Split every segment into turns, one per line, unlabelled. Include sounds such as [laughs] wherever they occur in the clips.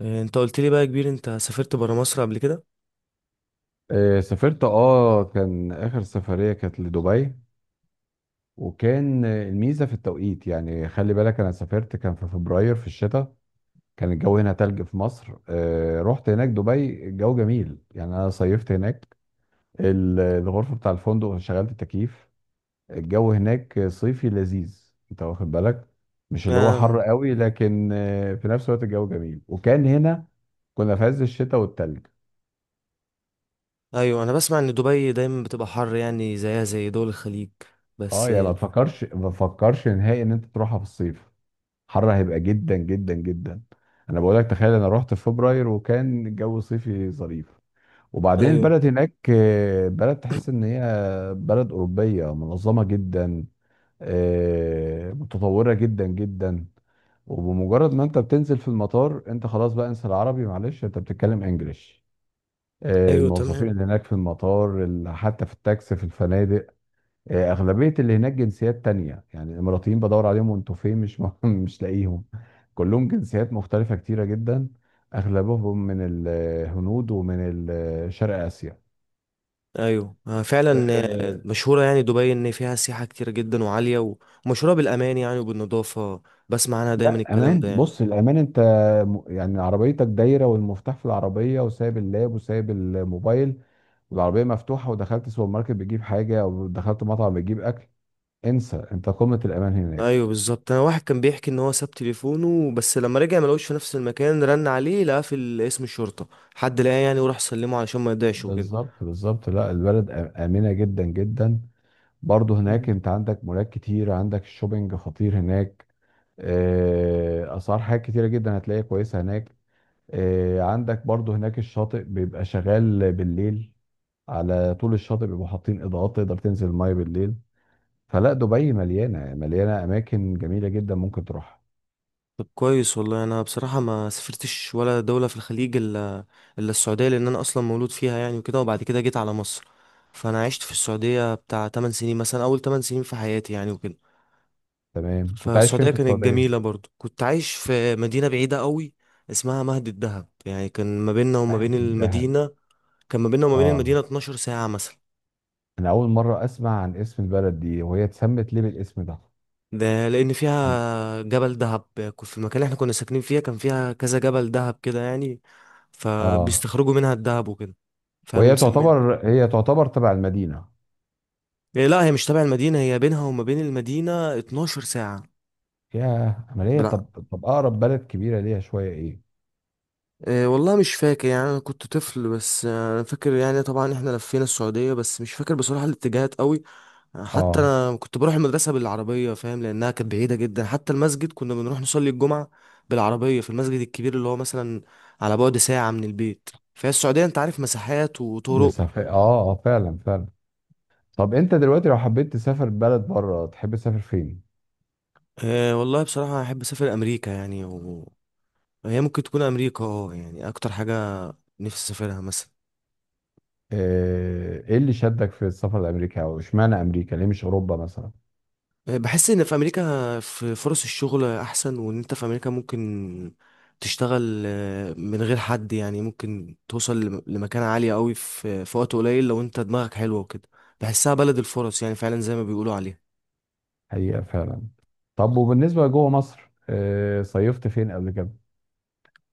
إيه، انت قلت لي بقى يا كبير انت سافرت برا مصر قبل كده.
سافرت كان اخر سفرية كانت لدبي. وكان الميزة في التوقيت، يعني خلي بالك انا سافرت كان في فبراير في الشتاء. كان الجو هنا تلج في مصر. رحت هناك دبي، الجو جميل يعني انا صيفت هناك. الغرفة بتاع الفندق شغلت التكييف. الجو هناك صيفي لذيذ انت واخد بالك، مش اللي هو حر
آه.
قوي لكن في نفس الوقت الجو جميل، وكان هنا كنا في عز الشتاء والتلج.
ايوه، انا بسمع ان دبي دايما بتبقى حر، يعني زيها زي دول الخليج.
اه
بس
يعني ما تفكرش ما تفكرش نهائي ان انت تروحها في الصيف، حر هيبقى جدا جدا جدا. انا بقول لك تخيل، انا رحت في فبراير وكان الجو صيفي ظريف. وبعدين
ايوه
البلد هناك، بلد تحس ان هي بلد اوروبيه منظمه جدا، متطوره جدا جدا. وبمجرد ما انت بتنزل في المطار انت خلاص بقى، انسى العربي معلش انت بتتكلم انجليش.
ايوه،
الموظفين
تمام.
اللي هناك في المطار حتى في التاكسي في الفنادق، اغلبيه اللي هناك جنسيات تانية، يعني الاماراتيين بدور عليهم وانتوا فين مش [laughs] مش لاقيهم. كلهم جنسيات مختلفه كتيره جدا، اغلبهم من الهنود ومن شرق اسيا.
ايوه، فعلا.
آه،
مشهوره يعني دبي ان فيها سياحه كتير جدا وعاليه، ومشهوره بالامان يعني وبالنظافه. بسمع عنها دايما
لا
الكلام
امان،
ده يعني.
بص الامان انت يعني عربيتك دايره والمفتاح في العربيه وسايب اللاب وسايب الموبايل والعربيه مفتوحه، ودخلت سوبر ماركت بتجيب حاجه او دخلت مطعم بتجيب اكل، انسى، انت قمه الامان هناك.
ايوه بالظبط، انا واحد كان بيحكي ان هو ساب تليفونه، بس لما رجع ما لقوش في نفس المكان، رن عليه لقاه في اسم الشرطه. حد لقاه يعني وراح سلمه علشان ما يضيعش وكده.
بالظبط بالظبط، لا البلد امنه جدا جدا. برضه هناك انت عندك مولات كتير، عندك الشوبينج خطير هناك. اسعار حاجات كتيره جدا هتلاقيها كويسه هناك. عندك برضه هناك الشاطئ بيبقى شغال بالليل، على طول الشاطئ بيبقوا حاطين اضاءات، تقدر تنزل الميه بالليل. فلا دبي مليانه مليانه اماكن جميله جدا ممكن تروحها.
طب كويس والله، انا بصراحه ما سافرتش ولا دوله في الخليج الا السعوديه، لان انا اصلا مولود فيها يعني وكده، وبعد كده جيت على مصر. فانا عشت في السعوديه بتاع 8 سنين مثلا، اول 8 سنين في حياتي يعني وكده.
تمام، كنت عايش فين
فالسعوديه
في
كانت
السعوديه؟
جميله برضو، كنت عايش في مدينه بعيده قوي اسمها مهد الدهب. يعني كان ما بيننا وما بين
واحد الدهب؟
المدينه، كان ما بيننا وما بين
اه.
المدينه 12 ساعه مثلا.
انا اول مره اسمع عن اسم البلد دي، وهي اتسمت ليه بالاسم ده؟
ده لان
عم-
فيها جبل دهب. في المكان اللي احنا كنا ساكنين فيها كان فيها كذا جبل دهب كده يعني،
اه.
فبيستخرجوا منها الدهب وكده
وهي
فمسمينها.
تعتبر هي تعتبر تبع المدينه؟
إيه لا، هي مش تبع المدينة، هي بينها وما بين المدينة 12 ساعة.
فيها عملية؟
لا.
طب طب أقرب بلد كبيرة ليها شوية إيه؟
إيه والله، مش فاكر يعني، انا كنت طفل. بس انا فاكر يعني طبعا احنا لفينا السعودية، بس مش فاكر بصراحة الاتجاهات قوي. حتى
أه.
انا كنت بروح المدرسه بالعربيه، فاهم، لانها كانت بعيده جدا. حتى المسجد كنا بنروح نصلي الجمعه بالعربيه في المسجد الكبير اللي هو مثلا على بعد ساعه من البيت. فهي السعوديه انت عارف، مساحات وطرق.
مسافة، أه أه، فعلا فعلا. طب أنت دلوقتي لو حبيت تسافر بلد بره تحب تسافر فين؟
أه والله، بصراحه احب اسافر امريكا يعني هي ممكن تكون امريكا اه، يعني اكتر حاجه نفسي اسافرها مثلا.
إيه اللي شدك في السفر لأمريكا أو إشمعنى أمريكا؟ ليه مش أوروبا مثلا؟
بحس ان في امريكا في فرص الشغل احسن، وان انت في امريكا ممكن تشتغل من غير حد، يعني ممكن توصل لمكانة عالية قوي في وقت قليل، لو انت دماغك حلوة وكده. بحسها بلد الفرص يعني، فعلا زي ما بيقولوا عليها.
حقيقة فعلا. طب وبالنسبة لجوه مصر، صيفت فين قبل كده؟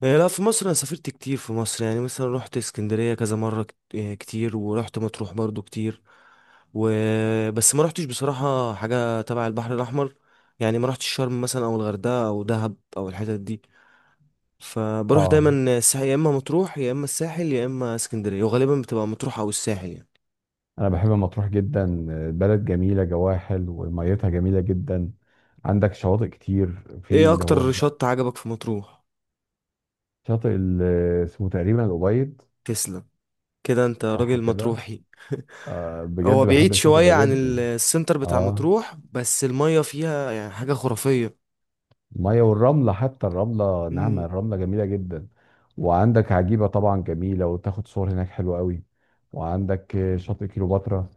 لا في مصر انا سافرت كتير في مصر، يعني مثلا رحت اسكندرية كذا مرة، كتير، ورحت مطروح برضو كتير. وبس ما رحتش بصراحة حاجة تبع البحر الاحمر، يعني ما رحتش شرم مثلا او الغردقة او دهب او الحتت دي. فبروح
أه.
دايما الساحل، يا اما مطروح يا اما الساحل يا اما اسكندريه، وغالبا بتبقى مطروح او الساحل يعني.
أنا بحب مطروح جدا. بلد جميلة جواها حلو وميتها جميلة جدا. عندك شواطئ كتير، في
ايه
اللي هو
اكتر شط عجبك في مطروح؟
شاطئ اسمه تقريبا الأبيض.
تسلم، كده انت
صح
راجل
كده.
مطروحي.
آه
[laughs] هو
بجد بحب
بعيد
الشاطئ
شويه
ده
عن
جدا.
السنتر بتاع
اه،
مطروح، بس الميه فيها يعني حاجه خرافيه.
الميه والرمله، حتى الرمله ناعمه،
مم.
الرمله جميله جدا. وعندك عجيبه طبعا جميله، وتاخد صور هناك حلوه قوي. وعندك شاطئ كيلوباترا.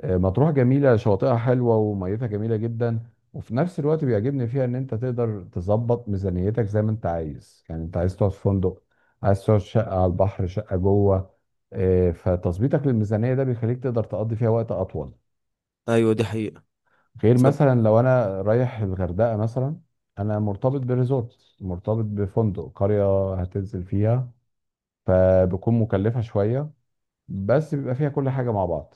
آه، مطروح جميله، شواطئها حلوه وميتها جميله جدا. وفي نفس الوقت بيعجبني فيها ان انت تقدر تظبط ميزانيتك زي ما انت عايز، يعني انت عايز تقعد في فندق، عايز تقعد في شقه على البحر، شقه جوه. آه، فتظبيطك للميزانيه ده بيخليك تقدر تقضي فيها وقت اطول.
ايوه دي حقيقه.
غير
طب.
مثلا لو انا رايح الغردقه مثلا، انا مرتبط بريزورت، مرتبط بفندق، قريه هتنزل فيها، فبكون مكلفه شويه، بس بيبقى فيها كل حاجه مع بعض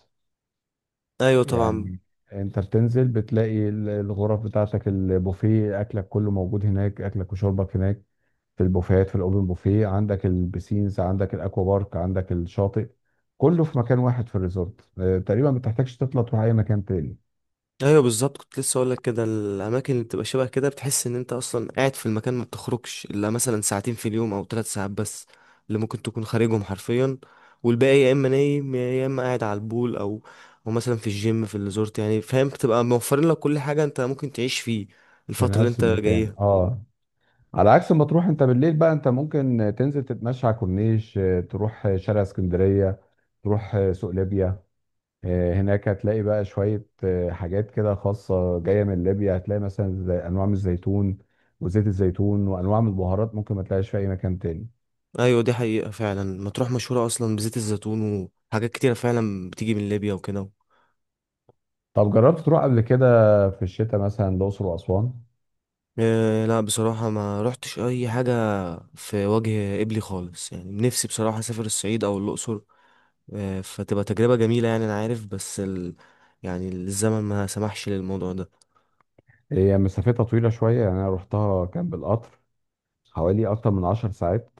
ايوه طبعا.
يعني. انت بتنزل بتلاقي الغرف بتاعتك، البوفيه، اكلك كله موجود هناك، اكلك وشربك هناك في البوفيهات في الاوبن بوفيه، عندك البسينز عندك الاكوا بارك عندك الشاطئ، كله في مكان واحد في الريزورت. تقريبا ما بتحتاجش تطلع تروح اي مكان تاني،
ايوه بالظبط، كنت لسه اقول لك كده، الاماكن اللي بتبقى شبه كده بتحس ان انت اصلا قاعد في المكان، ما بتخرجش الا مثلا ساعتين في اليوم او ثلاث ساعات بس اللي ممكن تكون خارجهم حرفيا، والباقي يا اما نايم يا اما قاعد على البول او مثلا في الجيم في الريزورت يعني، فاهم، بتبقى موفرين لك كل حاجه انت ممكن تعيش فيه
في
الفتره اللي
نفس
انت
المكان
جايها.
اه. على عكس ما تروح انت بالليل بقى، انت ممكن تنزل تتمشى على الكورنيش، تروح شارع اسكندرية، تروح سوق ليبيا. اه، هناك هتلاقي بقى شوية حاجات كده خاصة جاية من ليبيا، هتلاقي مثلا زي أنواع من الزيتون وزيت الزيتون وأنواع من البهارات ممكن ما تلاقيش في أي مكان تاني.
ايوه دي حقيقه، فعلا مطروح مشهوره اصلا بزيت الزيتون، وحاجات كتيره فعلا بتيجي من ليبيا وكده.
طب جربت تروح قبل كده في الشتاء مثلا الأقصر وأسوان؟
لا بصراحة ما رحتش أي حاجة في وجه قبلي خالص، يعني نفسي بصراحة أسافر الصعيد أو الأقصر. فتبقى تجربة جميلة يعني، أنا عارف، بس يعني الزمن ما سمحش للموضوع ده.
هي مسافتها طويلة شوية، يعني أنا رحتها كان بالقطر حوالي أكتر من 10 ساعات.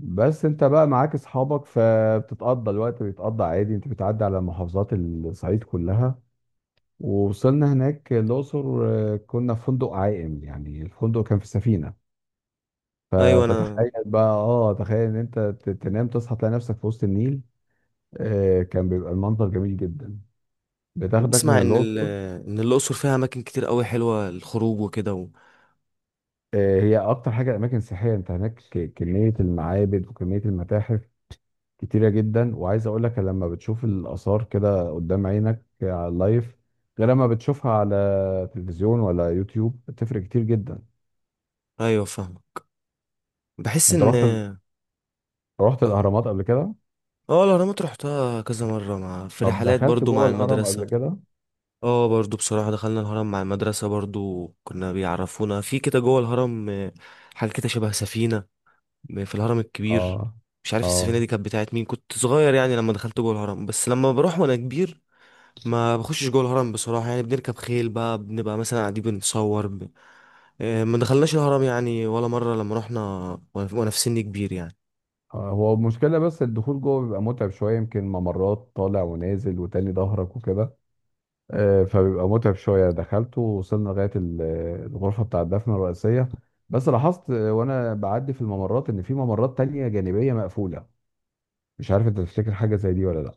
بس انت بقى معاك اصحابك فبتتقضى الوقت، بيتقضى عادي، انت بتعدي على محافظات الصعيد كلها. ووصلنا هناك الاقصر، كنا في فندق عائم، يعني الفندق كان في سفينه.
أيوة أنا
فتخيل بقى، اه تخيل ان انت تنام تصحى تلاقي نفسك في وسط النيل. كان بيبقى المنظر جميل جدا، بتاخدك من
بسمع إن
الاقصر.
إن الأقصر فيها أماكن كتير أوي حلوة للخروج وكده
هي اكتر حاجه اماكن سياحيه انت هناك، كميه المعابد وكميه المتاحف كتيرة جدا. وعايز اقول لك، لما بتشوف الآثار كده قدام عينك على اللايف غير لما بتشوفها على تلفزيون ولا يوتيوب، بتفرق كتير جدا.
أيوة فاهمك. بحس
انت
إن
رحت
اه.
رحت الأهرامات قبل كده؟
الأهرامات رحتها كذا مرة، مع في
طب
رحلات
دخلت
برضو
جوه
مع
الهرم قبل
المدرسة.
كده؟
اه برضو بصراحة دخلنا الهرم مع المدرسة برضو، كنا بيعرفونا في كده جوه الهرم، حاجة كده شبه سفينة في الهرم الكبير.
اه.
مش عارف السفينة
اه.
دي كانت بتاعت مين، كنت صغير يعني لما دخلت جوه الهرم. بس لما بروح وانا كبير ما بخشش جوه الهرم بصراحة، يعني بنركب خيل بقى، بنبقى مثلا قاعدين بنتصور ب... آه، ما دخلناش الهرم يعني ولا مرة لما رحنا وانا في سن كبير يعني.
هو المشكلة بس الدخول جوه بيبقى متعب شوية، يمكن ممرات طالع ونازل وتاني ظهرك وكده. فبيبقى متعب شوية، دخلته ووصلنا لغاية الغرفة بتاع الدفن الرئيسية. بس لاحظت، وأنا بعدي في الممرات، إن في ممرات تانية جانبية مقفولة. مش عارف أنت تفتكر حاجة زي دي ولا لأ؟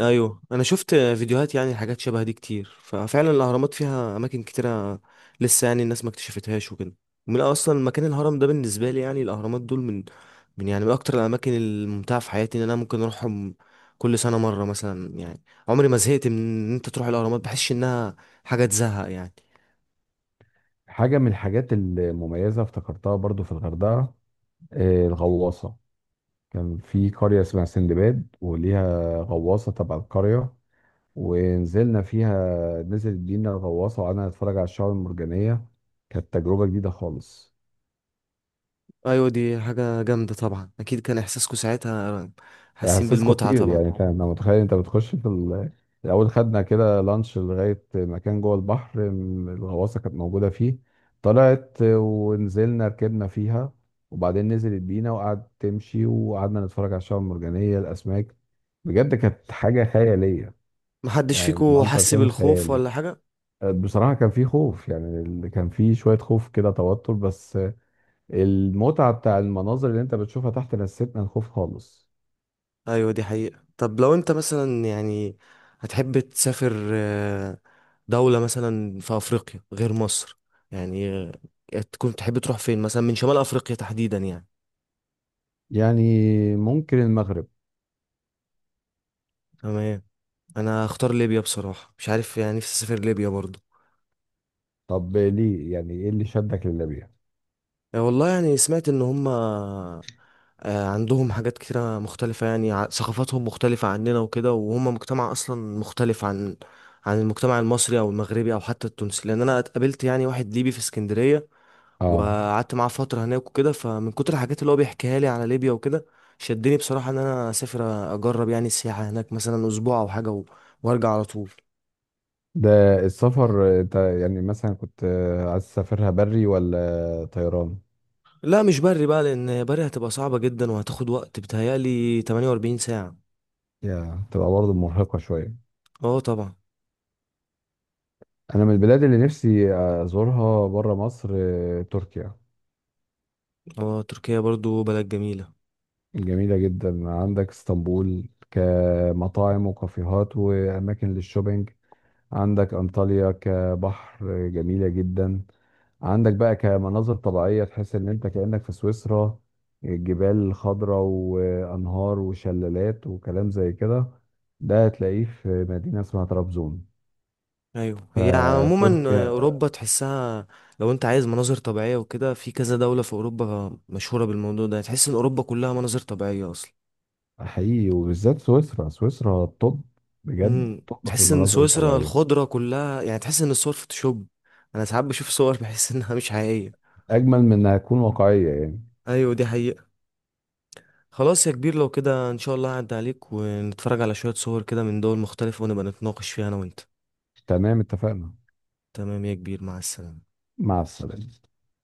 ايوه، انا شفت فيديوهات يعني حاجات شبه دي كتير، ففعلا الاهرامات فيها اماكن كتيره لسه يعني الناس ما اكتشفتهاش وكده. ومن اصلا مكان الهرم ده بالنسبه لي يعني، الاهرامات دول من يعني من اكتر الاماكن الممتعه في حياتي ان انا ممكن اروحهم كل سنه مره مثلا يعني. عمري ما زهقت من ان انت تروح الاهرامات، بحسش انها حاجه تزهق يعني.
حاجة من الحاجات المميزة افتكرتها برضو في الغردقة، الغواصة. كان في قرية اسمها سندباد وليها غواصة تبع القرية، ونزلنا فيها، نزل بينا الغواصة وقعدنا نتفرج على الشعاب المرجانية. كانت تجربة جديدة خالص.
ايوه دي حاجه جامده طبعا، اكيد كان احساسكم ساعتها
ده
حاسين
احساس
بالمتعه
خطير
طبعا.
يعني، انت انا متخيل انت بتخش في الاول خدنا كده لانش لغايه مكان جوه البحر، الغواصه كانت موجوده فيه. طلعت ونزلنا ركبنا فيها، وبعدين نزلت بينا وقعدت تمشي، وقعدنا نتفرج على الشعاب المرجانيه الاسماك. بجد كانت حاجه خياليه،
محدش
يعني
فيكم
المنظر
حس
كان
بالخوف
خيالي.
ولا حاجه؟
بصراحة كان فيه خوف، يعني كان فيه شوية خوف كده توتر، بس المتعة بتاع المناظر اللي انت بتشوفها تحت نسيتنا الخوف خالص.
ايوه دي حقيقة. طب لو انت مثلا يعني هتحب تسافر دولة مثلا في افريقيا غير مصر، يعني تكون تحب تروح فين مثلا من شمال افريقيا تحديدا يعني؟
يعني ممكن المغرب.
تمام. انا هختار ليبيا بصراحة، مش عارف يعني، نفسي اسافر ليبيا برضو.
طب ليه؟ يعني ايه اللي شدك لليبيا؟
والله يعني سمعت ان هما عندهم حاجات كتيرة مختلفة، يعني ثقافاتهم مختلفة عننا وكده، وهم مجتمع أصلا مختلف عن المجتمع المصري أو المغربي أو حتى التونسي، لأن أنا اتقابلت يعني واحد ليبي في اسكندرية
اه.
وقعدت معاه فترة هناك وكده. فمن كتر الحاجات اللي هو بيحكيها لي على ليبيا وكده شدني بصراحة ان انا اسافر اجرب يعني السياحة هناك مثلا اسبوع او حاجة وارجع على طول.
ده السفر انت يعني مثلا كنت عايز تسافرها بري ولا طيران؟
لا مش بري بقى، لان بري هتبقى صعبة جدا، وهتاخد وقت بتهيألي 48 ساعة.
يا تبقى برضه مرهقة شوية.
اه طبعا.
انا من البلاد اللي نفسي ازورها بره مصر، تركيا.
اه تركيا برضو بلد جميلة.
جميلة جدا، عندك اسطنبول كمطاعم وكافيهات واماكن للشوبينج، عندك انطاليا كبحر جميلة جدا، عندك بقى كمناظر طبيعية تحس ان انت كأنك في سويسرا، الجبال خضراء وانهار وشلالات وكلام زي كده. ده هتلاقيه في مدينة اسمها طرابزون،
ايوه هي عموما
فتركيا.
اوروبا تحسها، لو انت عايز مناظر طبيعية وكده في كذا دولة في اوروبا مشهورة بالموضوع ده، تحس ان اوروبا كلها مناظر طبيعية اصلا.
حقيقي، وبالذات سويسرا، سويسرا الطب بجد، طب في
تحس ان
المناظر
سويسرا
الطبيعية.
الخضرة كلها يعني، تحس ان الصور فوتوشوب. انا ساعات بشوف صور بحس انها مش حقيقية.
اجمل من انها تكون واقعية يعني.
ايوه دي حقيقة. خلاص يا كبير، لو كده ان شاء الله هعدي عليك ونتفرج على شوية صور كده من دول مختلفة، ونبقى نتناقش فيها انا وانت.
تمام اتفقنا.
تمام يا كبير، مع السلامة.
مع السلامة.